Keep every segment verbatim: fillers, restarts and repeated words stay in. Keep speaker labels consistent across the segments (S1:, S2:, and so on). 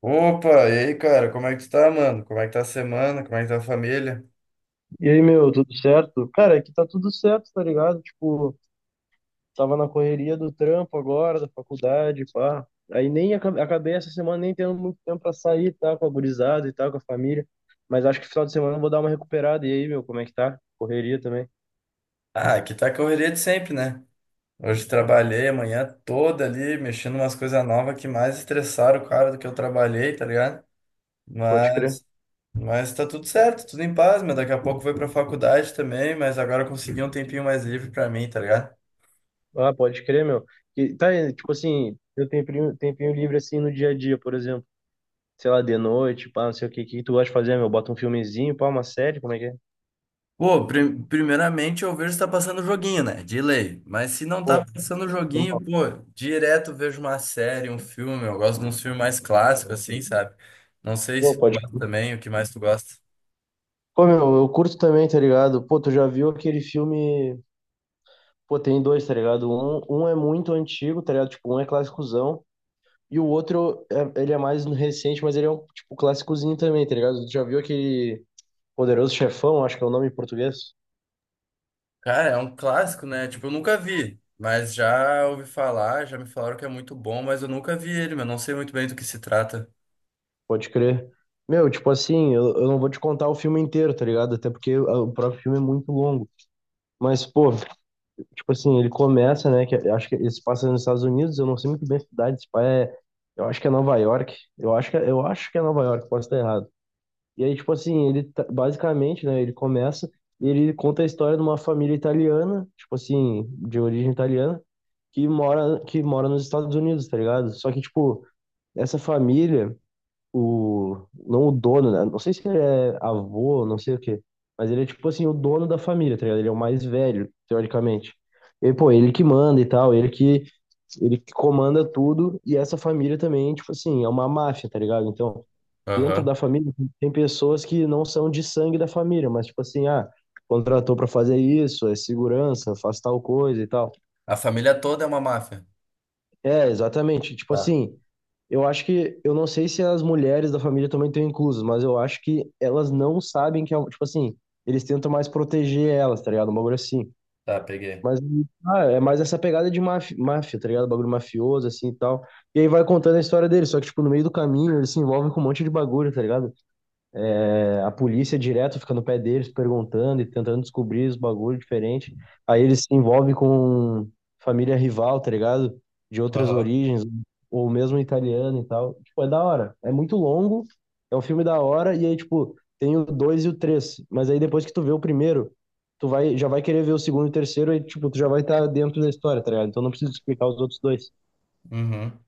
S1: Opa, e aí, cara, como é que tu tá, mano? Como é que tá a semana? Como é que tá a família?
S2: E aí, meu, tudo certo? Cara, aqui tá tudo certo, tá ligado? Tipo, tava na correria do trampo agora, da faculdade, pá. Aí nem aca- acabei essa semana nem tendo muito tempo pra sair, tá? Com a gurizada e tal, com a família. Mas acho que final de semana eu vou dar uma recuperada. E aí, meu, como é que tá? Correria também?
S1: Ah, aqui tá a correria de sempre, né? Hoje trabalhei a manhã toda ali, mexendo umas coisas novas que mais estressaram o cara do que eu trabalhei, tá ligado?
S2: Pode crer.
S1: Mas, mas tá tudo certo, tudo em paz, mas daqui a pouco eu vou pra faculdade também, mas agora eu consegui um tempinho mais livre pra mim, tá ligado?
S2: Ah, pode crer, meu. E, tá, e, tipo assim, eu tenho tempinho, tempinho livre assim no dia a dia, por exemplo. Sei lá, de noite, pá, não sei o que, que tu gosta de fazer, meu? Bota um filmezinho, pá, uma série, como é que é?
S1: Pô, pri- primeiramente eu vejo se tá passando joguinho, né? De lei. Mas se não tá
S2: Pô,
S1: passando joguinho, pô, direto vejo uma série, um filme. Eu gosto de uns filmes mais clássicos, assim, sabe? Não sei
S2: pô,
S1: se tu
S2: pode
S1: gosta também, o que mais tu gosta.
S2: Pô, meu, eu curto também, tá ligado? Pô, tu já viu aquele filme. Pô, tem dois, tá ligado? Um, um é muito antigo, tá ligado? Tipo, um é clássicozão. E o outro, é, ele é mais recente, mas ele é um, tipo, clássicozinho também, tá ligado? Tu já viu aquele Poderoso Chefão, acho que é o nome em português?
S1: Cara, é um clássico, né? Tipo, eu nunca vi, mas já ouvi falar, já me falaram que é muito bom, mas eu nunca vi ele, mas não sei muito bem do que se trata.
S2: Pode crer. Meu, tipo assim, eu, eu não vou te contar o filme inteiro, tá ligado? Até porque ah, o próprio filme é muito longo. Mas, pô, tipo assim, ele começa, né? Que eu acho que ele se passa nos Estados Unidos, eu não sei muito bem a cidade, esse pai é, eu acho que é Nova York, eu acho que, é, eu acho que é Nova York, posso estar errado. E aí, tipo assim, ele tá- basicamente, né, ele começa, ele conta a história de uma família italiana, tipo assim, de origem italiana, que mora, que mora nos Estados Unidos, tá ligado? Só que, tipo, essa família, o, não o dono, né? Não sei se ele é avô, não sei o quê, mas ele é tipo assim, o dono da família, tá ligado? Ele é o mais velho, teoricamente. E, pô, ele que manda e tal, ele que, ele que comanda tudo, e essa família também, tipo assim, é uma máfia, tá ligado? Então, dentro da
S1: Aham.
S2: família, tem pessoas que não são de sangue da família, mas tipo assim, ah, contratou pra fazer isso, é segurança, faz tal coisa e tal.
S1: A família toda é uma máfia.
S2: É, exatamente. Tipo
S1: Tá,
S2: assim, eu acho que, eu não sei se as mulheres da família também estão inclusas, mas eu acho que elas não sabem que é, um- tipo assim, eles tentam mais proteger elas, tá ligado? Um bagulho assim.
S1: tá, peguei.
S2: Mas ah, é mais essa pegada de máfia, máfia, tá ligado? Bagulho mafioso, assim e tal. E aí vai contando a história deles, só que, tipo, no meio do caminho eles se envolvem com um monte de bagulho, tá ligado? É, a polícia direto fica no pé deles perguntando e tentando descobrir os bagulho diferente. Aí eles se envolvem com família rival, tá ligado? De outras
S1: Aham.
S2: origens, ou mesmo italiana e tal. Tipo, é da hora. É muito longo, é um filme da hora, e aí, tipo, tem o dois e o três. Mas aí depois que tu vê o primeiro, tu vai, já vai querer ver o segundo e o terceiro, e tipo, tu já vai estar dentro da história, tá ligado? Então não preciso explicar os outros dois.
S1: Uhum.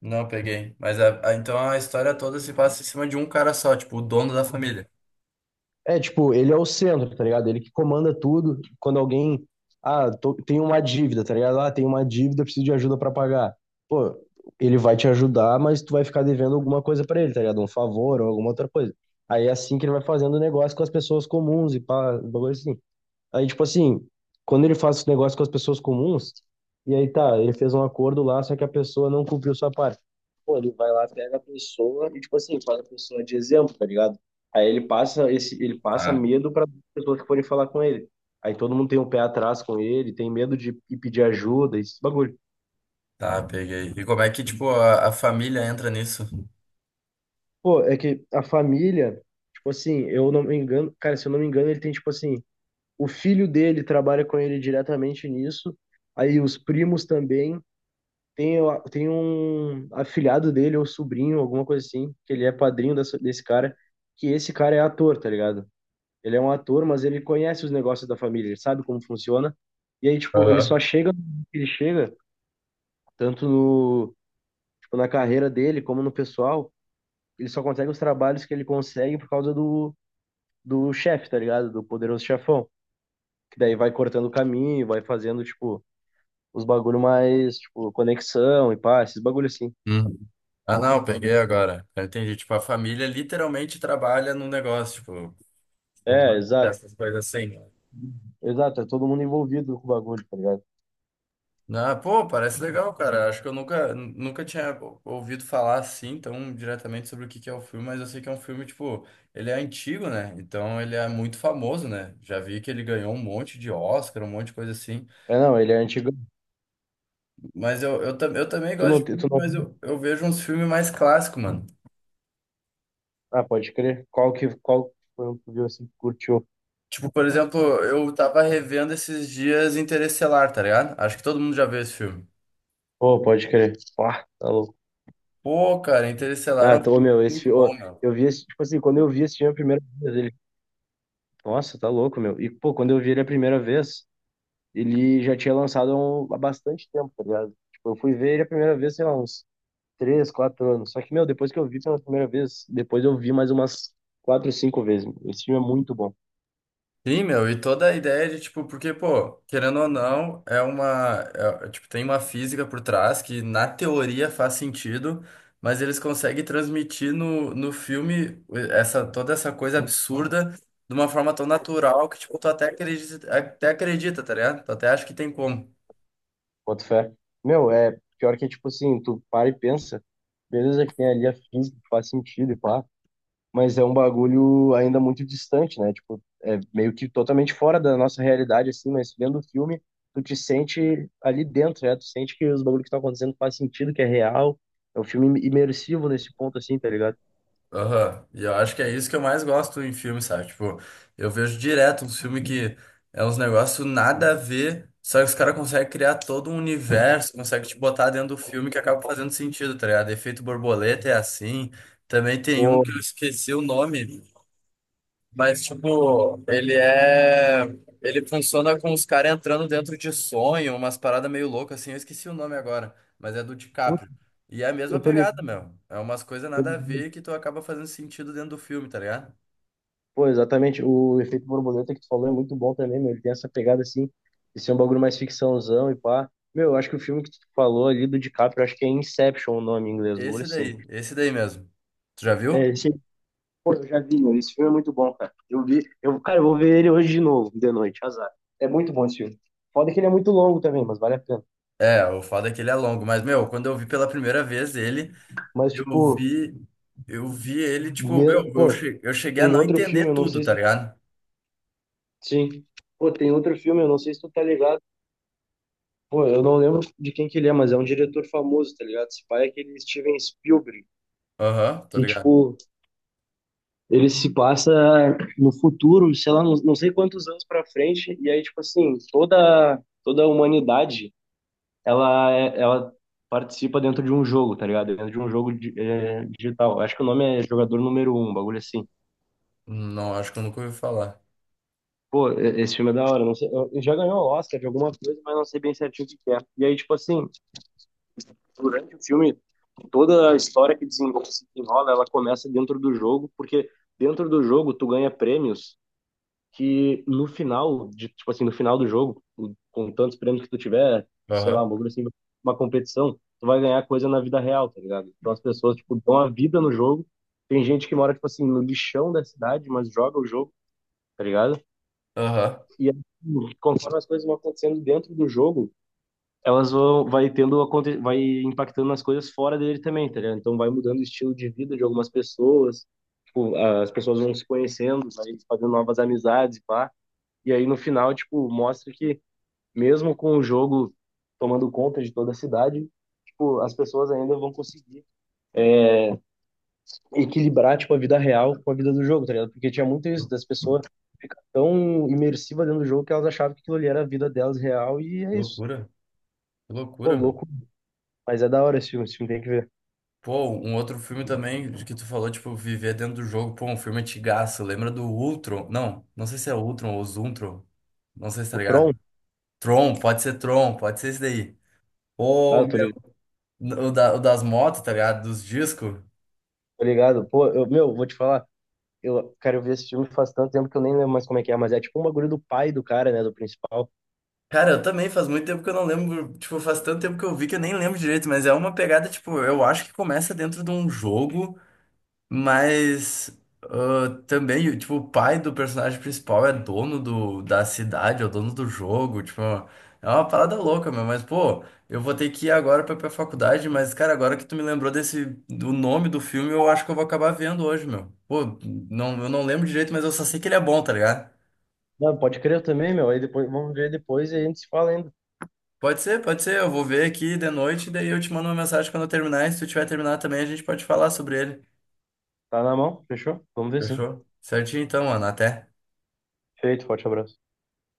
S1: Não peguei. Mas a, a- então a história toda se passa em cima de um cara só, tipo, o dono da família.
S2: É, tipo, ele é o centro, tá ligado? Ele que comanda tudo. Quando alguém, ah, tô, tem uma dívida, tá ligado? Ah, tem uma dívida, preciso de ajuda pra pagar. Pô, ele vai te ajudar, mas tu vai ficar devendo alguma coisa pra ele, tá ligado? Um favor ou alguma outra coisa. Aí é assim que ele vai fazendo negócio com as pessoas comuns e pá, um bagulho assim. Aí, tipo assim, quando ele faz esse negócio com as pessoas comuns, e aí tá, ele fez um acordo lá, só que a pessoa não cumpriu sua parte. Pô, ele vai lá, pega a pessoa e, tipo assim, faz a pessoa de exemplo, tá ligado? Aí ele passa esse, ele passa
S1: Tá.
S2: medo para pessoas que forem falar com ele. Aí todo mundo tem um pé atrás com ele, tem medo de ir pedir ajuda, esse bagulho.
S1: Tá, peguei. E como é que, tipo, a, a família entra nisso?
S2: Pô, é que a família, tipo assim, eu não me engano, cara, se eu não me engano, ele tem, tipo assim, o filho dele trabalha com ele diretamente nisso, aí os primos também. Tem, eu- tem um afilhado dele, ou sobrinho, alguma coisa assim, que ele é padrinho dessa- desse cara, que esse cara é ator, tá ligado? Ele é um ator, mas ele conhece os negócios da família, ele sabe como funciona. E aí, tipo, ele
S1: Aham.
S2: só chega, ele chega, tanto no, tipo, na carreira dele, como no pessoal, ele só consegue os trabalhos que ele consegue por causa do, do chefe, tá ligado? Do poderoso chefão. Que daí vai cortando o caminho, vai fazendo, tipo, os bagulho mais, tipo, conexão e pá, esses bagulho assim.
S1: Hum. Ah, não, peguei agora. Eu entendi. Tipo, a família literalmente trabalha num negócio, tipo,
S2: É, exato.
S1: essas coisas assim.
S2: Exato, é todo mundo envolvido com o bagulho, tá ligado?
S1: Ah, pô, parece legal, cara. Acho que eu nunca, nunca tinha ouvido falar assim tão diretamente sobre o que que é o filme, mas eu sei que é um filme, tipo, ele é antigo, né? Então ele é muito famoso, né? Já vi que ele ganhou um monte de Oscar, um monte de coisa assim.
S2: É, não, ele é antigo.
S1: Mas eu, eu, tam- eu também
S2: Tu
S1: gosto
S2: não,
S1: de
S2: te-
S1: filme,
S2: tu não...
S1: mas eu, eu vejo uns filmes mais clássicos, mano.
S2: Ah, pode crer. Qual que, qual que foi um que tu viu assim que curtiu?
S1: Tipo, por exemplo, eu tava revendo esses dias Interestelar, tá ligado? Acho que todo mundo já viu esse filme.
S2: Pô, pode crer. Ah, tá louco.
S1: Pô, cara, Interestelar é
S2: Ah,
S1: um
S2: tô,
S1: filme
S2: meu, esse
S1: muito
S2: filme...
S1: bom,
S2: ô,
S1: meu.
S2: eu vi esse, tipo assim, quando eu vi esse filme a primeira vez, ele... Nossa, tá louco, meu. E, pô, quando eu vi ele a primeira vez, ele já tinha lançado há um- há bastante tempo, tá ligado? Tipo, eu fui ver ele a primeira vez, sei lá, uns três, quatro anos. Só que, meu, depois que eu vi pela primeira vez, depois eu vi mais umas quatro, cinco vezes, meu. Esse filme é muito bom.
S1: Sim, meu, e toda a ideia de, tipo, porque, pô, querendo ou não, é uma, é- é, tipo, tem uma física por trás que na teoria faz sentido, mas eles conseguem transmitir no, no filme essa, toda essa coisa absurda de uma forma tão natural que, tipo, tu até acredita, até acredita, tá ligado? Tu até acha que tem como.
S2: Boto fé. Meu, é pior que é tipo assim, tu para e pensa, beleza que tem ali a física, que faz sentido e pá, mas é um bagulho ainda muito distante, né? Tipo, é meio que totalmente fora da nossa realidade, assim, mas vendo o filme, tu te sente ali dentro, né? Tu sente que os bagulhos que estão acontecendo faz sentido, que é real. É um filme imersivo nesse ponto, assim, tá ligado?
S1: Aham. E eu acho que é isso que eu mais gosto em filme, sabe? Tipo, eu vejo direto um filme que é uns negócios nada a ver, só que os caras conseguem criar todo um universo, conseguem te botar dentro do filme que acaba fazendo sentido, tá ligado? Efeito Borboleta é assim. Também tem um
S2: Pô,
S1: que eu esqueci o nome, mas, tipo, ele é. Ele funciona com os caras entrando dentro de sonho, umas paradas meio loucas, assim. Eu esqueci o nome agora, mas é do
S2: putz,
S1: DiCaprio. E é a mesma
S2: eu tô
S1: pegada, meu. É umas coisas nada a
S2: ligado.
S1: ver que tu acaba fazendo sentido dentro do filme, tá ligado?
S2: Pô, exatamente. O efeito borboleta que tu falou é muito bom também, meu. Ele tem essa pegada assim, de ser um bagulho mais ficçãozão e pá. Meu, eu acho que o filme que tu falou ali do DiCaprio, eu acho que é Inception o nome em inglês, um bagulho
S1: Esse
S2: assim.
S1: daí, esse daí mesmo. Tu já
S2: É,
S1: viu?
S2: esse... Pô, eu já vi, meu. Esse filme é muito bom, cara. Eu vi, eu, cara, eu vou ver ele hoje de novo, de noite, azar. É muito bom esse filme. Foda que ele é muito longo também, mas vale a pena.
S1: É, o foda é que ele é longo, mas, meu, quando eu vi pela primeira vez ele,
S2: Mas,
S1: eu
S2: tipo,
S1: vi. Eu vi ele, tipo,
S2: me...
S1: meu, eu
S2: pô,
S1: che- eu cheguei a
S2: tem
S1: não
S2: outro
S1: entender
S2: filme, eu não
S1: tudo,
S2: sei se
S1: tá
S2: tu.
S1: ligado?
S2: Sim. Pô, tem outro filme, eu não sei se tu tá ligado. Pô, eu não lembro de quem que ele é, mas é um diretor famoso, tá ligado? Esse pai é aquele Steven Spielberg,
S1: Aham, tô
S2: que,
S1: ligado.
S2: tipo, ele se passa no futuro, sei lá, não, não sei quantos anos pra frente, e aí, tipo assim, toda, toda a humanidade, ela, é- ela participa dentro de um jogo, tá ligado? Dentro de um jogo di- é, digital. Acho que o nome é Jogador Número Um, um bagulho assim.
S1: Não, acho que eu nunca ouvi falar.
S2: Pô, e- esse filme é da hora, não sei, eu- ele já ganhou o Oscar de alguma coisa, mas não sei bem certinho o que que é. E aí, tipo assim, durante o filme, toda a história que desenrola, se desenrola, ela começa dentro do jogo, porque dentro do jogo tu ganha prêmios que no final, de, tipo assim, no final do jogo, com tantos prêmios que tu tiver, sei lá, um
S1: Aham.
S2: bagulho assim, uma competição, tu vai ganhar coisa na vida real, tá ligado? Então as pessoas, tipo, dão a vida no jogo. Tem gente que mora, tipo assim, no lixão da cidade, mas joga o jogo, tá ligado?
S1: Aham.
S2: E aí, conforme as coisas vão acontecendo dentro do jogo, elas vão vai tendo aconte- vai impactando nas coisas fora dele também, tá ligado? Então vai mudando o estilo de vida de algumas pessoas, tipo, as pessoas vão se conhecendo, vai fazendo novas amizades, e pá. E aí no final, tipo, mostra que mesmo com o jogo tomando conta de toda a cidade, tipo, as pessoas ainda vão conseguir equilibrar, tipo, a vida real com a vida do jogo, tá ligado? Porque tinha muito isso
S1: Lou-
S2: das pessoas ficar tão imersiva dentro do jogo que elas achavam que aquilo ali era a vida delas real e é isso.
S1: Loucura, que
S2: Pô,
S1: loucura, mano.
S2: louco, mas é da hora esse filme, esse filme tem que ver.
S1: Pô, um outro filme também de que tu falou, tipo, viver dentro do jogo. Pô, um filme antigaço. Lembra do Ultron? Não, não sei se é Ultron ou Zuntron. Não sei se tá
S2: O Tron,
S1: ligado. Tron, pode ser Tron, pode ser esse daí.
S2: ah,
S1: Ou
S2: eu tô
S1: meu,
S2: ligado
S1: o, da- o das motos, tá ligado? Dos discos.
S2: tô ligado. Pô, eu, meu, vou te falar. Eu, cara, eu vi esse filme faz tanto tempo que eu nem lembro mais como é que é, mas é tipo um bagulho do pai do cara, né, do principal.
S1: Cara, eu também faz muito tempo que eu não lembro. Tipo, faz tanto tempo que eu vi que eu nem lembro direito, mas é uma pegada, tipo, eu acho que começa dentro de um jogo. Mas ah, também, tipo, o pai do personagem principal é dono do, da cidade, é o dono do jogo, tipo, é uma parada louca, meu, mas pô, eu vou ter que ir agora pra, pra faculdade, mas cara, agora que tu me lembrou desse, do nome do filme, eu acho que eu vou acabar vendo hoje, meu. Pô, não, eu não lembro direito, mas eu só sei que ele é bom, tá ligado?
S2: Não, pode crer também, meu. Aí depois, vamos ver depois e a gente se fala ainda.
S1: Pode ser, pode ser, eu vou ver aqui de noite, daí eu te mando uma mensagem quando eu terminar, e se tu tiver terminado também, a gente pode falar sobre ele.
S2: Tá na mão? Fechou? Vamos ver sim.
S1: Fechou? Certinho então, mano, até.
S2: Feito, forte abraço.